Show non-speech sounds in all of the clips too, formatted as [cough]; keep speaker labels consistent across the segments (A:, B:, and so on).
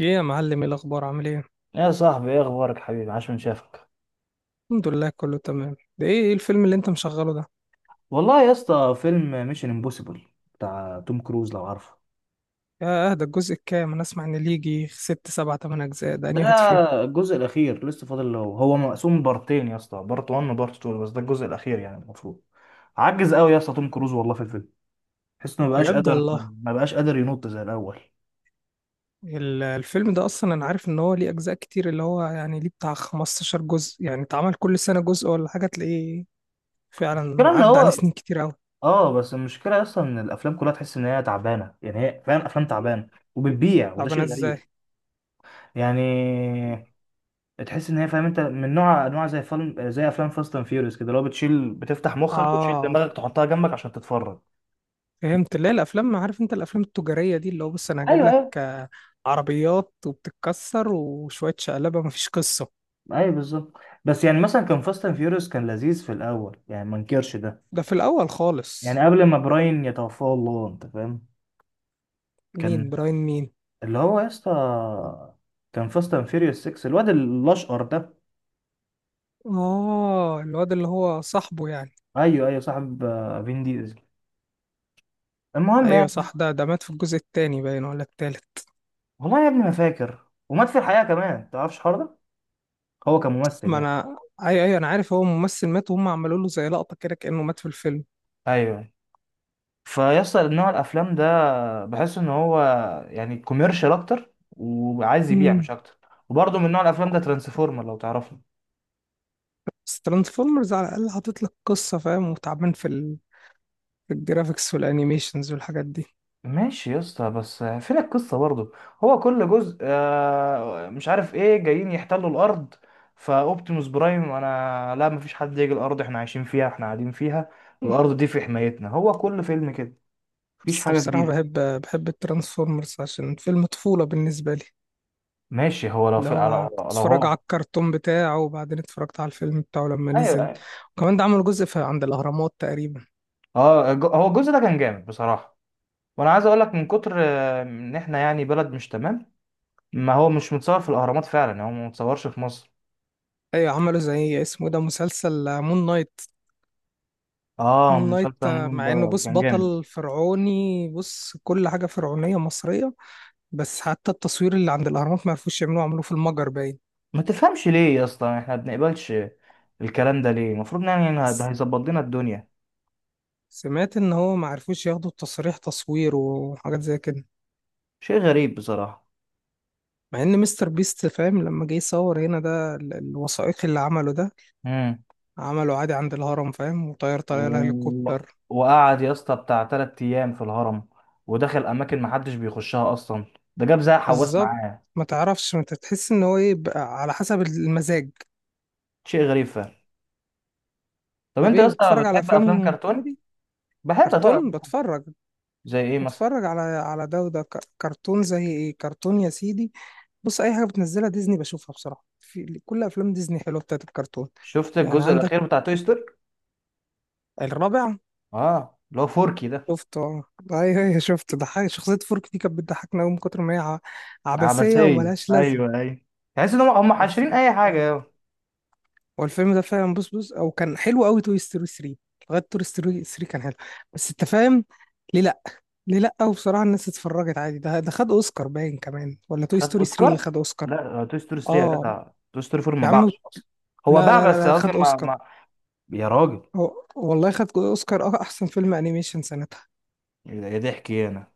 A: ايه يا معلم، ايه الاخبار؟ عامل ايه؟
B: يا صاحبي ايه اخبارك حبيبي؟ عاش من شافك.
A: الحمد لله، كله تمام. ده ايه الفيلم اللي انت مشغله ده؟
B: والله يا اسطى فيلم ميشن امبوسيبل بتاع توم كروز لو عارفه.
A: يا ده الجزء الكام؟ انا اسمع ان ليه يجي ست سبع تمن اجزاء، ده
B: ده
A: انهي واحد فيهم؟
B: الجزء الاخير لسه فاضل له، هو مقسوم بارتين يا اسطى، بارت 1 وبارت 2، بس ده الجزء الاخير يعني المفروض. عجز قوي يا اسطى توم كروز والله في الفيلم، تحس انه مبقاش
A: بجد
B: قادر،
A: والله.
B: ينط زي الاول.
A: الفيلم ده اصلا انا عارف ان هو ليه اجزاء كتير، اللي هو يعني ليه بتاع 15 جزء، يعني اتعمل كل سنة جزء ولا حاجة تلاقيه
B: المشكله
A: فعلا
B: ان
A: عدى عليه
B: هو،
A: سنين كتير قوي.
B: اه بس المشكله اصلا ان الافلام كلها تحس ان هي تعبانه، يعني هي فعلا افلام تعبانه وبتبيع، وده
A: طب انا
B: شيء
A: ازاي؟
B: غريب. يعني تحس ان هي، فاهم انت، من نوع انواع زي فيلم، زي افلام فاست اند فيوريوس كده، اللي هو بتشيل بتفتح مخك وتشيل
A: اه،
B: دماغك تحطها جنبك عشان تتفرج.
A: فهمت. لا، الافلام، عارف انت الافلام التجارية دي اللي هو، بص انا هجيب
B: ايوه،
A: لك،
B: ايوه،
A: عربيات وبتتكسر وشوية شقلبة، مفيش قصة.
B: ايوه بالظبط. بس يعني مثلا كان فاست اند فيوريوس كان لذيذ في الاول، يعني ما انكرش ده.
A: ده في الأول خالص.
B: يعني قبل ما براين يتوفاه الله، انت فاهم؟
A: مين
B: كان،
A: براين مين؟
B: اللي هو يا اسطى، كان فاست اند فيوريوس 6 الواد الاشقر ده.
A: آه، الواد اللي هو صاحبه يعني.
B: ايوه ايوه صاحب، فين ديزل، المهم
A: أيوة
B: يعني.
A: صح، ده مات في الجزء التاني باين ولا التالت؟
B: والله يا ابني ما فاكر. ومات في الحقيقه كمان، ما تعرفش الحوار ده، هو كممثل
A: ما
B: يعني.
A: أنا أيوة أيوة، أنا عارف هو ممثل مات وهم عملوا له زي لقطة كده كأنه مات في الفيلم.
B: ايوه. فيصل نوع الافلام ده بحس ان هو يعني كوميرشال اكتر وعايز يبيع مش
A: امم.
B: اكتر. وبرضه من نوع الافلام ده ترانسفورمر لو تعرفه.
A: بس ترانسفورمرز على الأقل حاطط لك قصة، فاهم، وتعبان في الجرافيكس والأنيميشنز والحاجات دي.
B: ماشي يا اسطى، بس فين القصه برضه؟ هو كل جزء، مش عارف ايه، جايين يحتلوا الارض، فاوبتيموس برايم، انا لا، مفيش حد يجي الارض، احنا عايشين فيها، احنا قاعدين فيها، الارض دي في حمايتنا. هو كل فيلم كده، مفيش
A: بس
B: حاجه
A: بصراحة
B: جديده.
A: بحب الترانسفورمرز عشان فيلم طفولة بالنسبة لي،
B: ماشي، هو لو
A: اللي
B: في لو
A: هو كنت
B: لو
A: اتفرج
B: هو،
A: على الكرتون بتاعه وبعدين اتفرجت على الفيلم بتاعه لما
B: ايوه
A: نزل.
B: أيوة.
A: وكمان ده عملوا جزء في عند الأهرامات تقريبا.
B: هو الجزء ده كان جامد بصراحه. وانا عايز اقول لك من كتر، ان احنا يعني بلد مش تمام. ما هو مش متصور في الاهرامات فعلا، يعني هو ما متصورش في مصر.
A: ايوه، عملوا زي اسمه إيه ده، مسلسل مون نايت.
B: اه
A: مون نايت،
B: مسلسل
A: مع
B: مومباي
A: انه
B: ده
A: بص
B: كان جامد.
A: بطل فرعوني، بص كل حاجة فرعونية مصرية، بس حتى التصوير اللي عند الأهرامات ما عرفوش يعملوه، عملوه في المجر باين.
B: ما تفهمش ليه يا اسطى احنا ما بنقبلش الكلام ده؟ ليه؟ المفروض يعني إن ده
A: س-
B: هيظبط لنا الدنيا.
A: سمعت ان هو ما عرفوش ياخدوا التصريح تصوير وحاجات زي كده.
B: شيء غريب بصراحة.
A: مع ان مستر بيست فاهم، لما جه يصور هنا ده الوثائقي اللي عمله ده،
B: امم
A: عمله عادي عند الهرم، فاهم، وطير طيارة
B: و...
A: الهليكوبتر.
B: وقعد يا اسطى بتاع تلات ايام في الهرم، ودخل اماكن ما حدش بيخشها اصلا، ده جاب زي حواس
A: بالظبط.
B: معاه.
A: ما تعرفش، ما تحس ان هو ايه بقى، على حسب المزاج.
B: شيء غريب فعلا. طب
A: طب
B: انت يا
A: ايه،
B: اسطى
A: بتتفرج على
B: بتحب افلام
A: افلام
B: كرتون؟
A: كوميدي؟
B: بحب اتفرج.
A: كرتون بتفرج؟
B: زي ايه مثلا؟
A: بتفرج على ده وده، كرتون زي ايه؟ كرتون يا سيدي، بص اي حاجه بتنزلها ديزني بشوفها، بصراحه في كل افلام ديزني حلوه بتاعت الكرتون.
B: شفت
A: يعني
B: الجزء
A: عندك
B: الاخير بتاع توي ستوري؟
A: الرابع؟
B: اه، اللي هو فوركي ده.
A: شفته، اه. ايوه ايوه شفته، ضحك، شخصيه فورك دي كانت بتضحكنا قوي من كتر ما هي عبثيه
B: عبثية،
A: وملهاش لازمه.
B: ايوه ايوه. تحس ان هم
A: بس
B: حاشرين اي حاجة أوي.
A: هو الفيلم ده فعلا، بص بص، او كان حلو قوي، توي ستوري 3. لغايه توي ستوري 3 كان حلو، بس انت فاهم، ليه لا؟ ليه لا؟ وبصراحه الناس اتفرجت عادي، ده خد اوسكار باين كمان، ولا توي
B: خد
A: ستوري 3
B: اوسكار؟
A: اللي خد اوسكار؟
B: لا، توي ستوري 3 يا
A: اه.
B: جدع. توي ستوري 4 ما
A: يا عم،
B: باعش اصلا. هو
A: لا
B: باع
A: لا لا
B: بس
A: لا،
B: قصدي،
A: خد
B: ما
A: اوسكار.
B: ما يا راجل.
A: هو والله خد اوسكار، اه، احسن فيلم انيميشن سنتها.
B: يا ضحك إيه انا،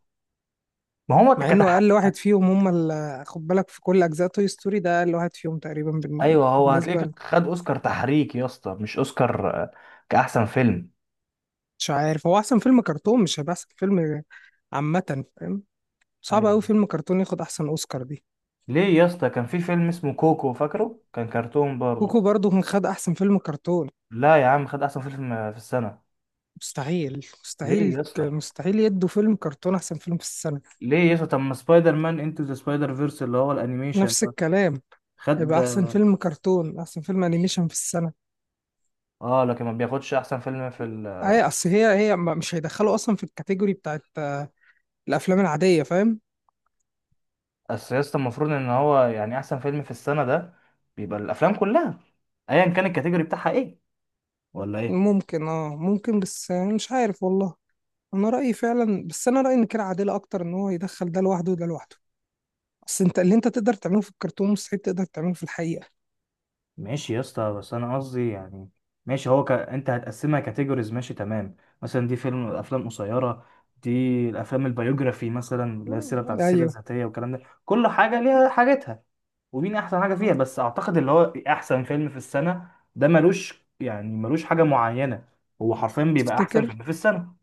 B: ما هو
A: مع انه
B: كتح،
A: اقل واحد فيهم، هم اللي خد بالك، في كل اجزاء توي ستوري ده اقل واحد فيهم تقريبا بال-
B: ايوه، هو
A: بالنسبه ل-
B: هتلاقيك خد اوسكار تحريك يا اسطى، مش اوسكار، كاحسن فيلم.
A: مش عارف، هو احسن فيلم كرتون مش هيبقى احسن فيلم، عامه فاهم. صعب
B: ايوه.
A: قوي فيلم كرتون ياخد احسن اوسكار دي.
B: ليه يا اسطى؟ كان في فيلم اسمه كوكو، فاكره؟ كان كرتون برضه.
A: كوكو برضو كان خد احسن فيلم كرتون.
B: لا يا عم، خد احسن فيلم في السنه.
A: مستحيل
B: ليه
A: مستحيل،
B: يا اسطى؟
A: مستحيل يدوا فيلم كرتون احسن فيلم في السنه.
B: ليه يسطا؟ طب ما سبايدر مان انتو ذا سبايدر فيرس اللي هو الانيميشن
A: نفس
B: ده
A: الكلام،
B: خد.
A: هيبقى احسن فيلم كرتون، احسن فيلم انيميشن في السنه.
B: اه، لكن ما بياخدش احسن فيلم في ال...
A: اي اصل هي مش هيدخلوا اصلا في الكاتيجوري بتاعت، الافلام العاديه، فاهم.
B: اصل يسطا المفروض ان هو يعني احسن فيلم في السنة ده بيبقى الافلام كلها، ايا كان الكاتيجوري بتاعها ايه، ولا ايه؟
A: ممكن، ممكن، بس، مش عارف والله. انا رايي فعلا، بس انا رايي ان كده عادله اكتر، ان هو يدخل ده لوحده وده لوحده، اصل انت اللي انت تقدر تعمله في الكرتون مستحيل تقدر تعمله في الحقيقه.
B: ماشي يا اسطى، بس انا قصدي يعني، ماشي، هو ك... انت هتقسمها كاتيجوريز، ماشي تمام. مثلا دي فيلم افلام قصيره، دي الافلام البيوجرافي مثلا اللي هي السيره بتاعت السيره
A: ايوه.
B: الذاتيه والكلام ده. كل حاجه ليها حاجتها، ومين احسن حاجه فيها. بس اعتقد اللي هو احسن فيلم في السنه ده ملوش، يعني ملوش حاجه معينه، هو حرفيا بيبقى احسن
A: تفتكر؟
B: فيلم في السنه.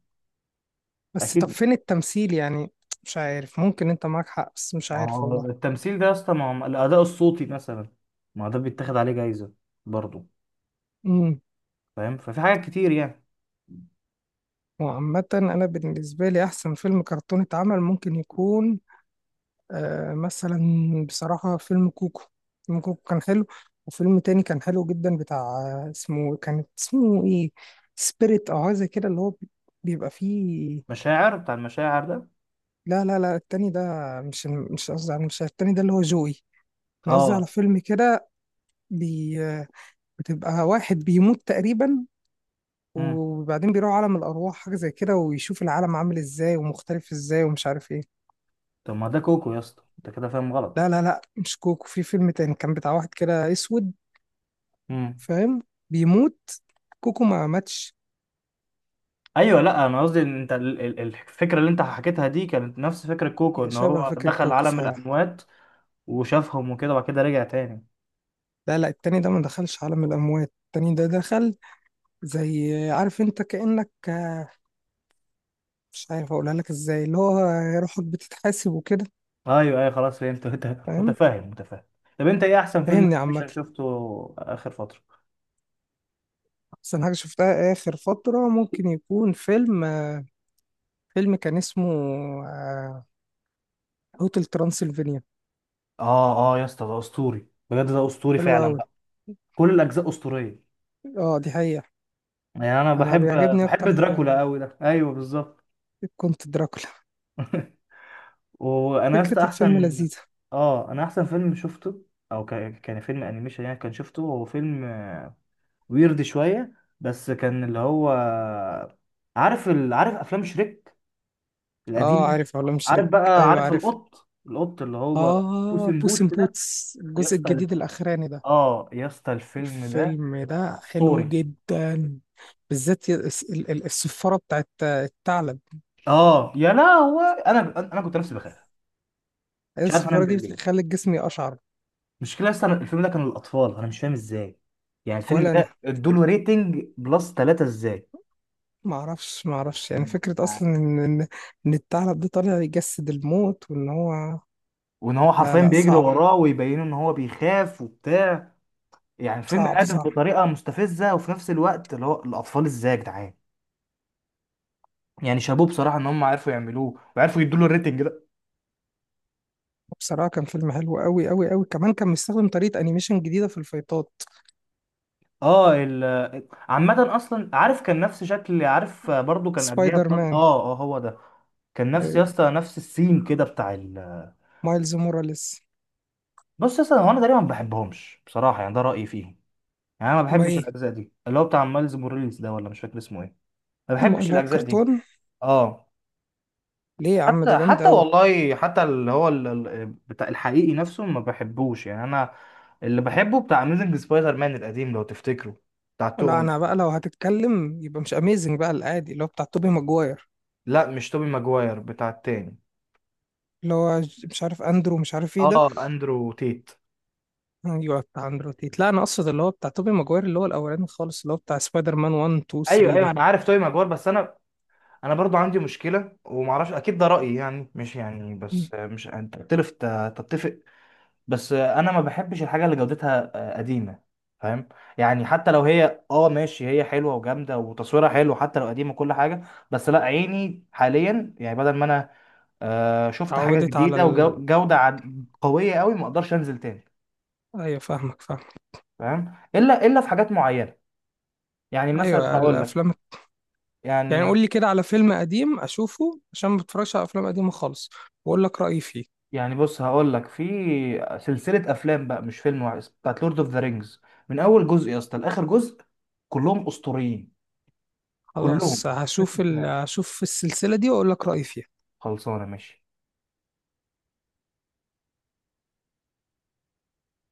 A: بس طب
B: اكيد.
A: فين التمثيل يعني؟ مش عارف، ممكن انت معاك حق، بس مش
B: ما
A: عارف
B: هو
A: والله.
B: التمثيل ده يا اسطى، ما هو الاداء الصوتي مثلا، ما هو ده بيتاخد عليه جايزه برضه.
A: امم.
B: فاهم؟ ففي حاجات كتير يعني.
A: وعامة انا بالنسبة لي احسن فيلم كرتون اتعمل ممكن يكون، مثلا بصراحة فيلم كوكو. فيلم كوكو كان حلو. وفيلم تاني كان حلو جدا بتاع، اسمه كان، اسمه ايه، سبيريت او حاجة كده، اللي هو بيبقى فيه.
B: مشاعر، بتاع المشاعر ده.
A: لا لا لا، التاني ده، مش قصدي، على مش التاني ده اللي هو جوي. انا قصدي على
B: اه.
A: فيلم كده، بي... آه، بتبقى واحد بيموت تقريبا،
B: امم
A: وبعدين بيروح عالم الأرواح حاجة زي كده، ويشوف العالم عامل ازاي ومختلف ازاي ومش عارف ايه.
B: طب ما ده كوكو يا اسطى، انت كده فاهم غلط.
A: لا لا لا، مش كوكو، في فيلم تاني كان بتاع واحد كده اسود،
B: امم
A: فاهم، بيموت. كوكو ما ماتش.
B: ايوه، لا انا قصدي ان انت، الفكره اللي انت حكيتها دي كانت نفس فكره كوكو،
A: يا
B: ان
A: شبه
B: هو
A: فاكر
B: دخل
A: كوكو
B: عالم
A: فعلا.
B: الاموات وشافهم وكده، وبعد كده رجع تاني.
A: لا لا، التاني ده ما دخلش عالم الأموات، التاني ده دخل زي، عارف انت، كأنك، مش عارف اقولها لك ازاي، اللي هو روحك بتتحاسب وكده.
B: ايوه ايوه خلاص فهمت [laughs] انت.
A: فاهم؟
B: متفاهم متفاهم. طب انت ايه احسن فيلم
A: فاهمني عامة.
B: انيميشن شفته اخر فتره؟
A: أحسن حاجة شفتها آخر فترة ممكن يكون فيلم، فيلم كان اسمه هوتل ترانسلفانيا.
B: اه يا اسطى، ده اسطوري بجد، ده اسطوري
A: حلو
B: فعلا
A: أوي.
B: بقى. كل الاجزاء اسطوريه.
A: اه دي حقيقة.
B: يعني انا
A: أنا
B: بحب،
A: بيعجبني أكتر
B: بحب دراكولا
A: حاجة،
B: قوي ده، ايوه بالظبط.
A: كنت دراكولا.
B: [laughs] وانا يا اسطى
A: فكرة
B: فيلم
A: الفيلم
B: احسن.
A: لذيذة.
B: اه، انا احسن فيلم شفته او كان، كان فيلم انيميشن يعني، كان شفته هو فيلم ويرد شويه. بس كان اللي هو، عارف ال...، عارف افلام شريك
A: اه،
B: القديمه؟
A: عارف علوم شريك.
B: عارف بقى،
A: أيوه
B: عارف
A: عارف.
B: القط اللي هو بوس
A: اه،
B: ان
A: بوس إن
B: بوتس ده،
A: بوتس
B: يا
A: الجزء
B: اسطى
A: الجديد الأخراني ده،
B: اه يا اسطى الفيلم ده
A: الفيلم ده حلو
B: ستوري.
A: جدا. بالذات الصفارة بتاعت الثعلب.
B: اه يا، لا هو انا، انا كنت نفسي بخاف،
A: أيوة،
B: مش عارف انام
A: الصفارة دي
B: بالليل.
A: بتخلي الجسم يقشعر.
B: المشكلة اصلا الفيلم ده كان للأطفال، أنا مش فاهم إزاي. يعني الفيلم
A: ولا
B: ده
A: أنا،
B: ادوله ريتنج بلس ثلاثة إزاي؟
A: معرفش يعني، فكرة أصلا إن الثعلب ده طالع يجسد الموت وإن هو،
B: وإن هو
A: لا
B: حرفيا
A: لا،
B: بيجري
A: صعب،
B: وراه ويبينه إن هو بيخاف وبتاع. يعني الفيلم
A: صعب
B: هادف
A: صعب.
B: بطريقة مستفزة، وفي نفس الوقت اللي هو الأطفال إزاي يا جدعان؟ يعني شابوه بصراحة إن هم عرفوا يعملوه وعرفوا يدوله الريتنج ده.
A: بصراحة كان فيلم حلو أوي أوي أوي، كمان كان مستخدم طريقة أنيميشن جديدة في الفايتات.
B: اه ال عامة أصلا عارف كان نفس شكل، عارف، برضو كان قبليها
A: سبايدر
B: بفضل،
A: مان.
B: هو ده. كان نفس يا
A: أيوه،
B: اسطى نفس السيم كده بتاع ال...
A: مايلز موراليس.
B: بص يا اسطى، هو انا تقريبا ما بحبهمش بصراحه، يعني ده رايي فيهم. يعني انا ما
A: أما
B: بحبش
A: إيه،
B: الاجزاء دي اللي هو بتاع مايلز موريلز ده، ولا مش فاكر اسمه ايه. ما بحبش
A: اللي هو
B: الاجزاء دي.
A: الكرتون؟
B: اه.
A: ليه يا عم، ده
B: حتى
A: جامد
B: حتى
A: أوي.
B: والله حتى اللي هو، بتاع الحقيقي نفسه ما بحبوش، يعني انا اللي بحبه بتاع اميزنج سبايدر مان القديم لو تفتكره، بتاع
A: لا
B: تو...
A: أنا بقى، لو هتتكلم يبقى مش أميزنج بقى، العادي اللي هو بتاع توبي ماجواير.
B: لا مش توبي ماجواير، بتاع التاني.
A: اللي هو مش عارف أندرو، مش عارف إيه ده.
B: اه اندرو تيت.
A: أيوه، بتاع أندرو تيت. لا أنا أقصد اللي هو بتاع توبي ماجواير، اللي هو الأولاني خالص، اللي هو بتاع سبايدر مان 1 2
B: ايوه
A: 3
B: ايوه
A: ده.
B: انا عارف توبي ماجواير. بس انا، انا برضو عندي مشكله، ومعرفش اكيد ده رايي يعني، مش يعني
A: م.
B: بس، مش انت تختلف تتفق. بس انا ما بحبش الحاجه اللي جودتها، قديمه، فاهم؟ يعني حتى لو هي اه ماشي، هي حلوه وجامده وتصويرها حلو حتى لو قديمه كل حاجه، بس لا عيني حاليا يعني، بدل ما انا شفت حاجه
A: اتعودت على
B: جديده
A: ال...
B: وجوده قويه قوي، ما اقدرش انزل تاني.
A: أيوه فاهمك فاهمك.
B: فاهم؟ الا الا في حاجات معينه يعني، مثلا
A: أيوه
B: هقول لك.
A: الأفلام، يعني
B: يعني
A: قول لي كده على فيلم قديم اشوفه، عشان ما بتفرجش على افلام قديمه خالص، واقول لك رايي فيه.
B: يعني بص هقول لك، في سلسله افلام بقى، مش فيلم واحد، بتاعت لورد اوف ذا رينجز. من اول جزء يا اسطى لاخر جزء كلهم اسطوريين، كلهم.
A: خلاص هشوف ال...
B: [laughs]
A: هشوف السلسله دي واقول لك رايي فيها.
B: خلصانة ماشي